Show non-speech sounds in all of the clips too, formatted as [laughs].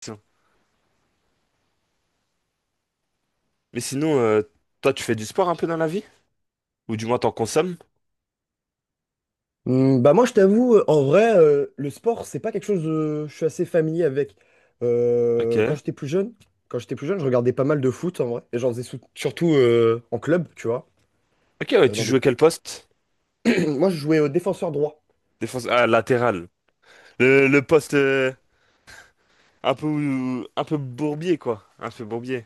Tiens. Mais sinon, toi, tu fais du sport un peu dans la vie? Ou du moins, t'en consommes? Bah moi je t'avoue, en vrai, le sport, c'est pas quelque chose je suis assez familier avec. Ok. Euh, quand j'étais plus jeune, quand j'étais plus jeune, je regardais pas mal de foot en vrai. Et j'en faisais surtout en club, tu vois. Ok, ouais, euh, tu dans des- jouais quel poste? [clears throat] Moi je jouais au défenseur droit. Défense. Ah, latéral. Le poste un peu bourbier, quoi. Un peu bourbier.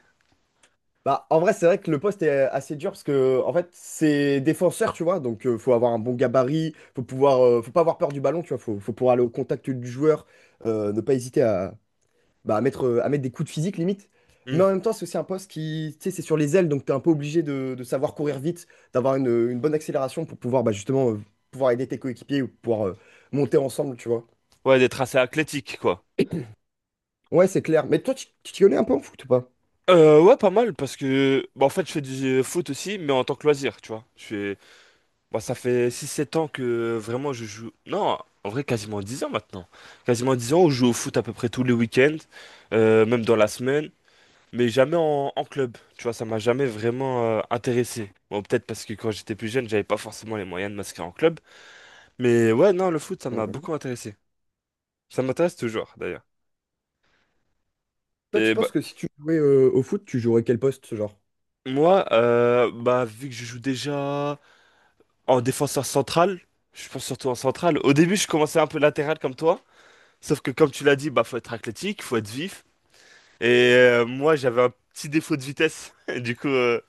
Bah en vrai c'est vrai que le poste est assez dur parce que en fait c'est défenseur, tu vois. Donc faut avoir un bon gabarit, faut pouvoir, faut pas avoir peur du ballon, tu vois. Faut pouvoir aller au contact du joueur, ne pas hésiter à mettre des coups de physique limite. Mais Hmm. en même temps, c'est aussi un poste qui, tu sais, c'est sur les ailes, donc tu es un peu obligé de savoir courir vite, d'avoir une bonne accélération pour pouvoir bah, justement pouvoir aider tes coéquipiers ou pouvoir monter ensemble, tu vois. Ouais, des tracés athlétiques, quoi. Ouais, c'est clair. Mais toi, tu t'y connais un peu en foot ou pas? Ouais, pas mal, parce que bah, en fait, je fais du foot aussi, mais en tant que loisir, tu vois. Je fais. Bah, ça fait six, sept ans que vraiment je joue. Non, en vrai, quasiment 10 ans maintenant. Quasiment 10 ans, où je joue au foot à peu près tous les week-ends, même dans la semaine, mais jamais en club. Tu vois, ça m'a jamais vraiment intéressé. Bon, peut-être parce que quand j'étais plus jeune, j'avais pas forcément les moyens de m'inscrire en club. Mais ouais, non, le foot, ça m'a Mhm. beaucoup intéressé. Ça m'intéresse toujours, d'ailleurs. Toi, tu Et bah, penses que si tu jouais au foot, tu jouerais quel poste, ce genre? moi, bah, vu que je joue déjà en défenseur central, je pense surtout en central. Au début, je commençais un peu latéral comme toi. Sauf que, comme tu l'as dit, bah, faut être athlétique, faut être vif. Et moi, j'avais un petit défaut de vitesse. [laughs] Du coup,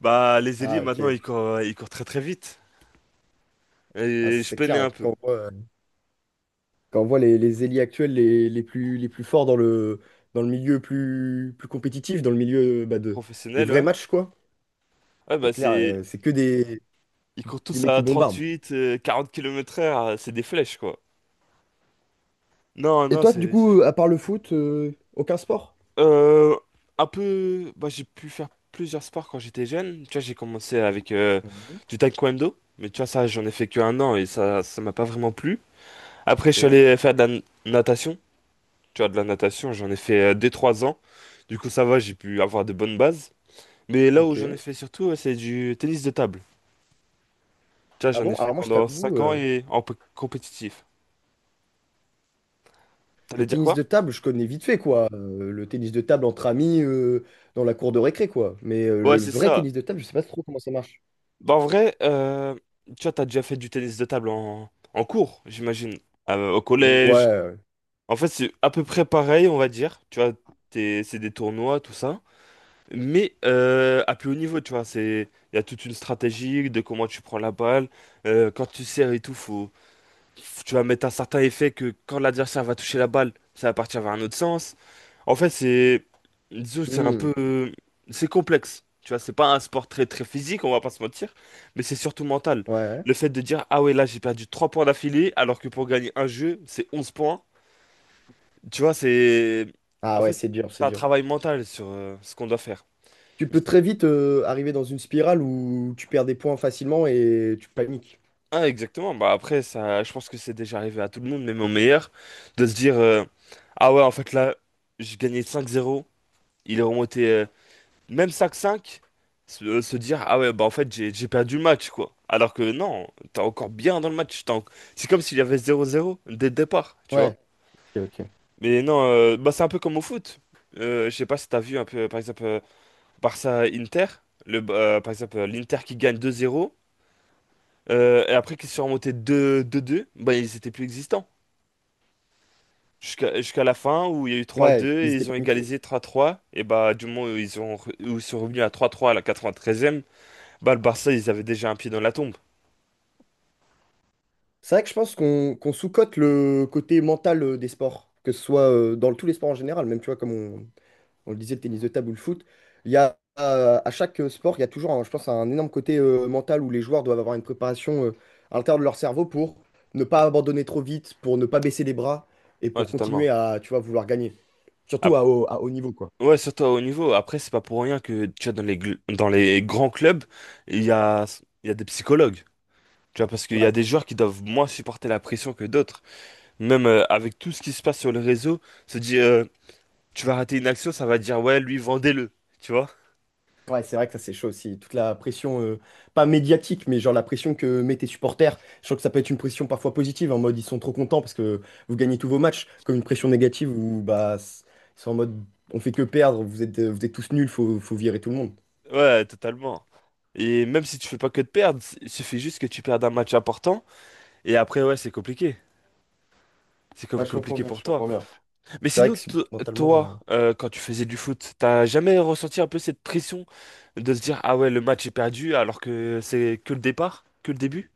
bah, les ailiers, Ah, ok. maintenant, ils courent très très vite. Ah, Et je c'est clair, peinais hein, un peu. quand on voit les ailiers actuels les plus forts dans dans le milieu plus compétitif, dans le milieu bah, des Professionnel, vrais ouais. matchs, quoi. Ouais, C'est bah clair, c'est. C'est que des, Ils courent Des tous mecs qui à bombardent. 38, 40 kilomètres heure, c'est des flèches, quoi. Non, Et non, toi, du c'est coup, fou. à part le foot, aucun sport? Euh, un peu. Bah, j'ai pu faire plusieurs sports quand j'étais jeune. Tu vois, j'ai commencé avec Mhm. du taekwondo. Mais tu vois, ça, j'en ai fait que un an et ça m'a pas vraiment plu. Après, je Ok, suis allé faire de la natation. Tu vois, de la natation, j'en ai fait 2 trois ans. Du coup, ça va, j'ai pu avoir de bonnes bases. Mais là où j'en ok. ai fait surtout, ouais, c'est du tennis de table. Tu vois, Ah j'en bon? ai fait Alors moi, je pendant t'avoue, 5 ans et en compétitif. le T'allais dire tennis quoi? de table, je connais vite fait, quoi. Le tennis de table entre amis dans la cour de récré, quoi. Mais Ouais, le c'est vrai ça. tennis de table, je sais pas trop comment ça marche. Bah, en vrai, tu vois, t'as déjà fait du tennis de table en, en cours, j'imagine. Au collège. Ouais. En fait, c'est à peu près pareil, on va dire. Tu vois, c'est des tournois, tout ça. Mais à plus haut niveau, tu vois, il y a toute une stratégie de comment tu prends la balle. Quand tu sers et tout, tu vas mettre un certain effet que quand l'adversaire va toucher la balle, ça va partir vers un autre sens. En fait, disons, que c'est un Hmm. peu, c'est complexe. Tu vois, c'est pas un sport très très physique, on va pas se mentir, mais c'est surtout mental. Ouais. Le fait de dire, ah ouais, là j'ai perdu 3 points d'affilée, alors que pour gagner un jeu, c'est 11 points. Tu vois, Ah en ouais, fait, c'est dur, c'est c'est un dur. travail mental sur ce qu'on doit faire. Tu peux très vite arriver dans une spirale où tu perds des points facilement et tu paniques. Ah, exactement. Bah après, ça, je pense que c'est déjà arrivé à tout le monde, même au meilleur, de se dire, ah ouais, en fait là, j'ai gagné 5-0, il est remonté même 5-5, se dire, ah ouais, bah en fait, j'ai perdu le match, quoi. Alors que non, t'es encore bien dans le match. C'est comme s'il y avait 0-0 dès le départ, tu vois. Ouais. Ok, ok. Mais non, bah c'est un peu comme au foot. Je sais pas si t'as vu un peu, par exemple, Barça-Inter, par exemple, l'Inter qui gagne 2-0, et après qui se sont remontés 2-2, bah ils étaient plus existants. Jusqu'à la fin où il y a eu Ouais, 3-2 ils et étaient ils ont paniqués. égalisé 3-3. Et bah du moment où ils ont où ils sont revenus à 3-3 à la 93e, bah, le Barça, ils avaient déjà un pied dans la tombe. C'est vrai que je pense qu'on sous-cote le côté mental des sports, que ce soit tous les sports en général, même tu vois, comme on le disait, le tennis de table ou le foot, il y a à chaque sport, il y a toujours, je pense, un énorme côté mental où les joueurs doivent avoir une préparation à l'intérieur de leur cerveau pour ne pas abandonner trop vite, pour ne pas baisser les bras et Ouais, pour totalement. continuer à, tu vois, vouloir gagner, surtout Ap- à haut niveau, quoi. ouais, surtout au niveau. Après, c'est pas pour rien que, tu vois, dans les grands clubs, il y a, il y a des psychologues. Tu vois, parce qu'il y a Ouais. des joueurs qui doivent moins supporter la pression que d'autres. Même avec tout ce qui se passe sur le réseau, se dire, tu vas rater une action, ça va dire, ouais, lui, vendez-le. Tu vois? Ouais, c'est vrai que ça c'est chaud aussi. Toute la pression, pas médiatique, mais genre la pression que mettent tes supporters. Je trouve que ça peut être une pression parfois positive, en mode ils sont trop contents parce que vous gagnez tous vos matchs, comme une pression négative où bah ils sont en mode on fait que perdre, vous êtes tous nuls, faut virer tout le monde. Ouais, totalement. Et même si tu fais pas que de perdre, il suffit juste que tu perdes un match important. Et après, ouais, c'est compliqué. C'est Ouais, je comprends compliqué bien, pour je toi. comprends bien. Mais C'est vrai sinon, que to- mentalement. Toi, quand tu faisais du foot, t'as jamais ressenti un peu cette pression de se dire, ah ouais, le match est perdu alors que c'est que le départ, que le début?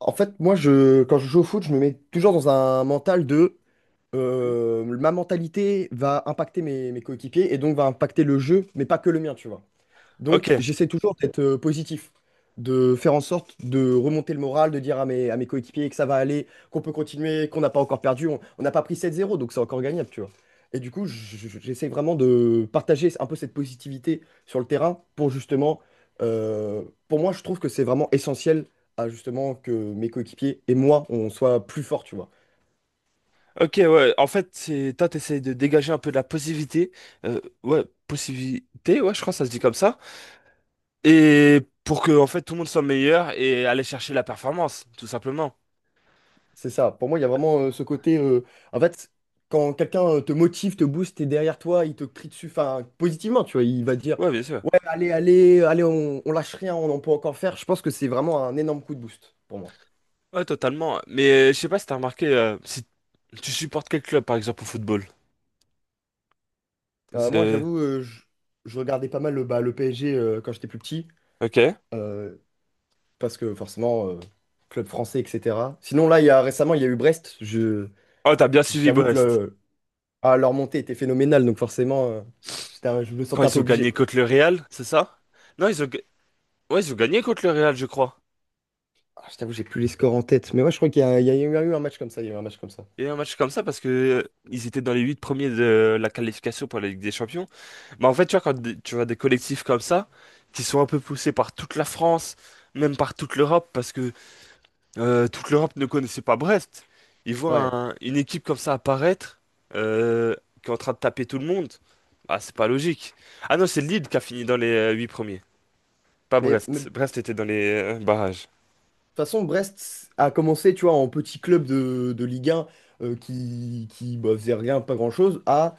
En fait, moi je quand je joue au foot, je me mets toujours dans un mental de Hmm. Ma mentalité va impacter mes coéquipiers et donc va impacter le jeu, mais pas que le mien, tu vois. Ok, Donc, j'essaie toujours d'être positif, de faire en sorte de remonter le moral, de dire à mes coéquipiers que ça va aller, qu'on peut continuer, qu'on n'a pas encore perdu. On n'a pas pris 7-0 donc c'est encore gagnable, tu vois. Et du coup, j'essaie vraiment de partager un peu cette positivité sur le terrain pour justement, euh, pour moi, je trouve que c'est vraiment essentiel à justement que mes coéquipiers et moi, on soit plus forts, tu vois. ok, ouais. En fait, c'est toi, t'essayes de dégager un peu de la positivité, ouais, possibilité, ouais, je crois que ça se dit comme ça, et pour que en fait tout le monde soit meilleur et aller chercher la performance, tout simplement. C'est ça. Pour moi, il y a vraiment ce côté. En fait, quand quelqu'un te motive, te booste, t'es derrière toi, il te crie dessus, enfin, positivement, tu vois, il va te dire, Ouais, bien sûr. ouais, allez, allez, allez, on lâche rien, on en peut encore faire. Je pense que c'est vraiment un énorme coup de boost pour moi. Ouais, totalement. Mais je sais pas si t'as remarqué, si tu supportes quel club, par exemple, au football. Moi, C'est- j'avoue, je regardais pas mal le PSG quand j'étais plus petit, Ok. euh, parce que forcément, club français, etc. Sinon, là, récemment, il y a eu Brest. Je, Oh, t'as bien suivi j'avoue que Brest. le- Ah, leur montée était phénoménale, donc forcément, je me Quand sentais un ils peu ont obligé, gagné quoi. contre le Real, c'est ça? Non, ouais, ils ont gagné contre le Real, je crois. Ah, je t'avoue, j'ai plus les scores en tête. Mais ouais, je crois qu'il y a eu un match comme ça. Il y a eu un match comme ça. Et un match comme ça parce que ils étaient dans les huit premiers de la qualification pour la Ligue des Champions. Mais en fait, tu vois, tu vois des collectifs comme ça, qui sont un peu poussés par toute la France, même par toute l'Europe, parce que toute l'Europe ne connaissait pas Brest. Ils voient Ouais. Une équipe comme ça apparaître, euh, qui est en train de taper tout le monde. Ah, c'est pas logique. Ah non, c'est Lille qui a fini dans les huit premiers. Pas Mais de Brest. toute Brest était dans les barrages. façon, Brest a commencé, tu vois, en petit club de Ligue 1 qui bah, faisait rien, pas grand-chose, à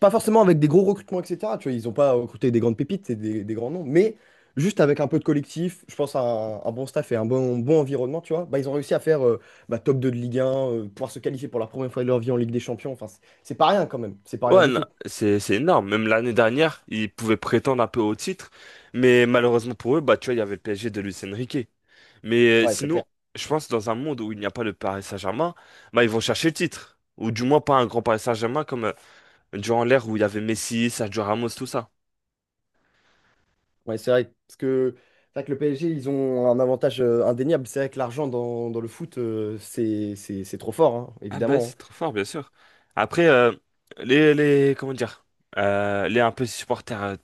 pas forcément avec des gros recrutements, etc. Tu vois, ils n'ont pas recruté des grandes pépites et des grands noms, mais juste avec un peu de collectif, je pense à un bon staff et un bon environnement, tu vois, bah, ils ont réussi à faire bah, top 2 de Ligue 1, pouvoir se qualifier pour la première fois de leur vie en Ligue des Champions. Enfin, c'est pas rien quand même. C'est pas rien Ouais, du non, tout. c'est énorme. Même l'année dernière, ils pouvaient prétendre un peu au titre, mais malheureusement pour eux, bah tu vois, il y avait le PSG de Luis Enrique. Mais Ouais, c'est sinon, clair. je pense dans un monde où il n'y a pas le Paris Saint-Germain, bah ils vont chercher le titre, ou du moins pas un grand Paris Saint-Germain comme durant l'ère où il y avait Messi, Sergio Ramos, tout ça. Ouais, c'est vrai, parce que, c'est vrai que le PSG, ils ont un avantage indéniable. C'est vrai que l'argent dans le foot, c'est trop fort, hein, Ah bah évidemment. c'est trop fort, bien sûr. Après, les comment dire, les un peu supporters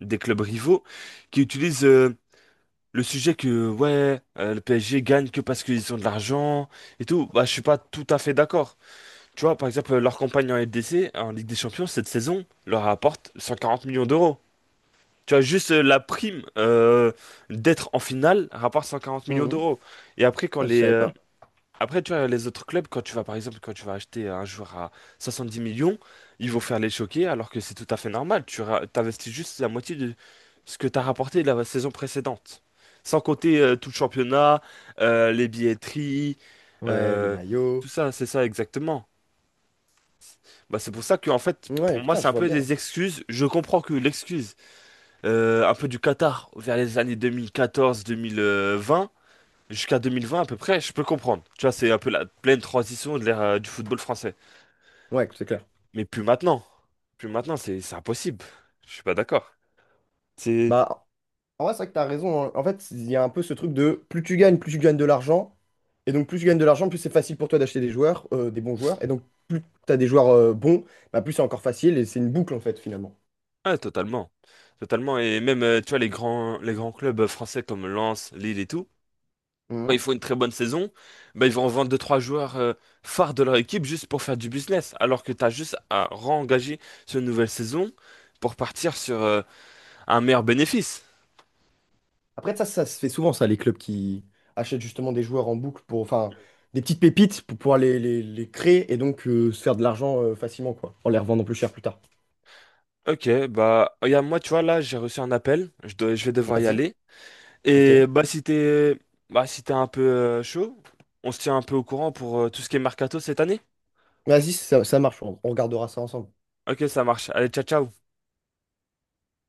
des clubs rivaux qui utilisent le sujet que ouais le PSG gagne que parce qu'ils ont de l'argent et tout, bah je suis pas tout à fait d'accord. Tu vois, par exemple, leur campagne en LDC, en Ligue des Champions, cette saison leur rapporte 140 millions d'euros. Tu vois, juste la prime d'être en finale rapporte 140 Hein. millions Mhm. d'euros. Et après, quand Putain, je les savais pas. après, tu vois, les autres clubs, quand tu vas, par exemple, quand tu vas acheter un joueur à 70 millions, ils vont faire les choquer, alors que c'est tout à fait normal. T'investis juste la moitié de ce que t'as rapporté la saison précédente. Sans compter tout le championnat, les billetteries, Ouais, les euh, maillots. tout ça, c'est ça exactement. Bah, c'est pour ça que, en fait, Ouais, pour moi, putain, c'est je un vois peu bien. des excuses. Je comprends que l'excuse, un peu du Qatar, vers les années 2014-2020, jusqu'à 2020 à peu près, je peux comprendre. Tu vois, c'est un peu la pleine transition de l'ère du football français. Ouais, c'est clair. Mais plus maintenant. Plus maintenant, c'est impossible. Je suis pas d'accord. C'est Bah, en vrai, c'est vrai que t'as raison, hein. En fait, il y a un peu ce truc de plus tu gagnes de l'argent. Et donc, plus tu gagnes de l'argent, plus c'est facile pour toi d'acheter des joueurs, des bons joueurs. Et donc, plus t'as des joueurs bons, bah, plus c'est encore facile. Et c'est une boucle, en fait, finalement. Ouais, totalement. Totalement, et même tu vois les grands clubs français comme Lens, Lille et tout, quand ils font une très bonne saison, bah, ils vont vendre deux trois joueurs phares de leur équipe juste pour faire du business, alors que tu as juste à re-engager sur une nouvelle saison pour partir sur un meilleur bénéfice. Après, ça se fait souvent, ça, les clubs qui achètent justement des joueurs en boucle pour, enfin, des petites pépites pour pouvoir les créer et donc se faire de l'argent facilement, quoi, en les revendant plus cher plus tard. Ok, bah, regarde, moi, tu vois, là, j'ai reçu un appel, je dois, je vais devoir y Vas-y. aller. Ok. Et bah si t'es bah, si t'es un peu chaud, on se tient un peu au courant pour tout ce qui est mercato cette année. Vas-y, ça marche, on regardera ça ensemble. Ok, ça marche. Allez, ciao, ciao.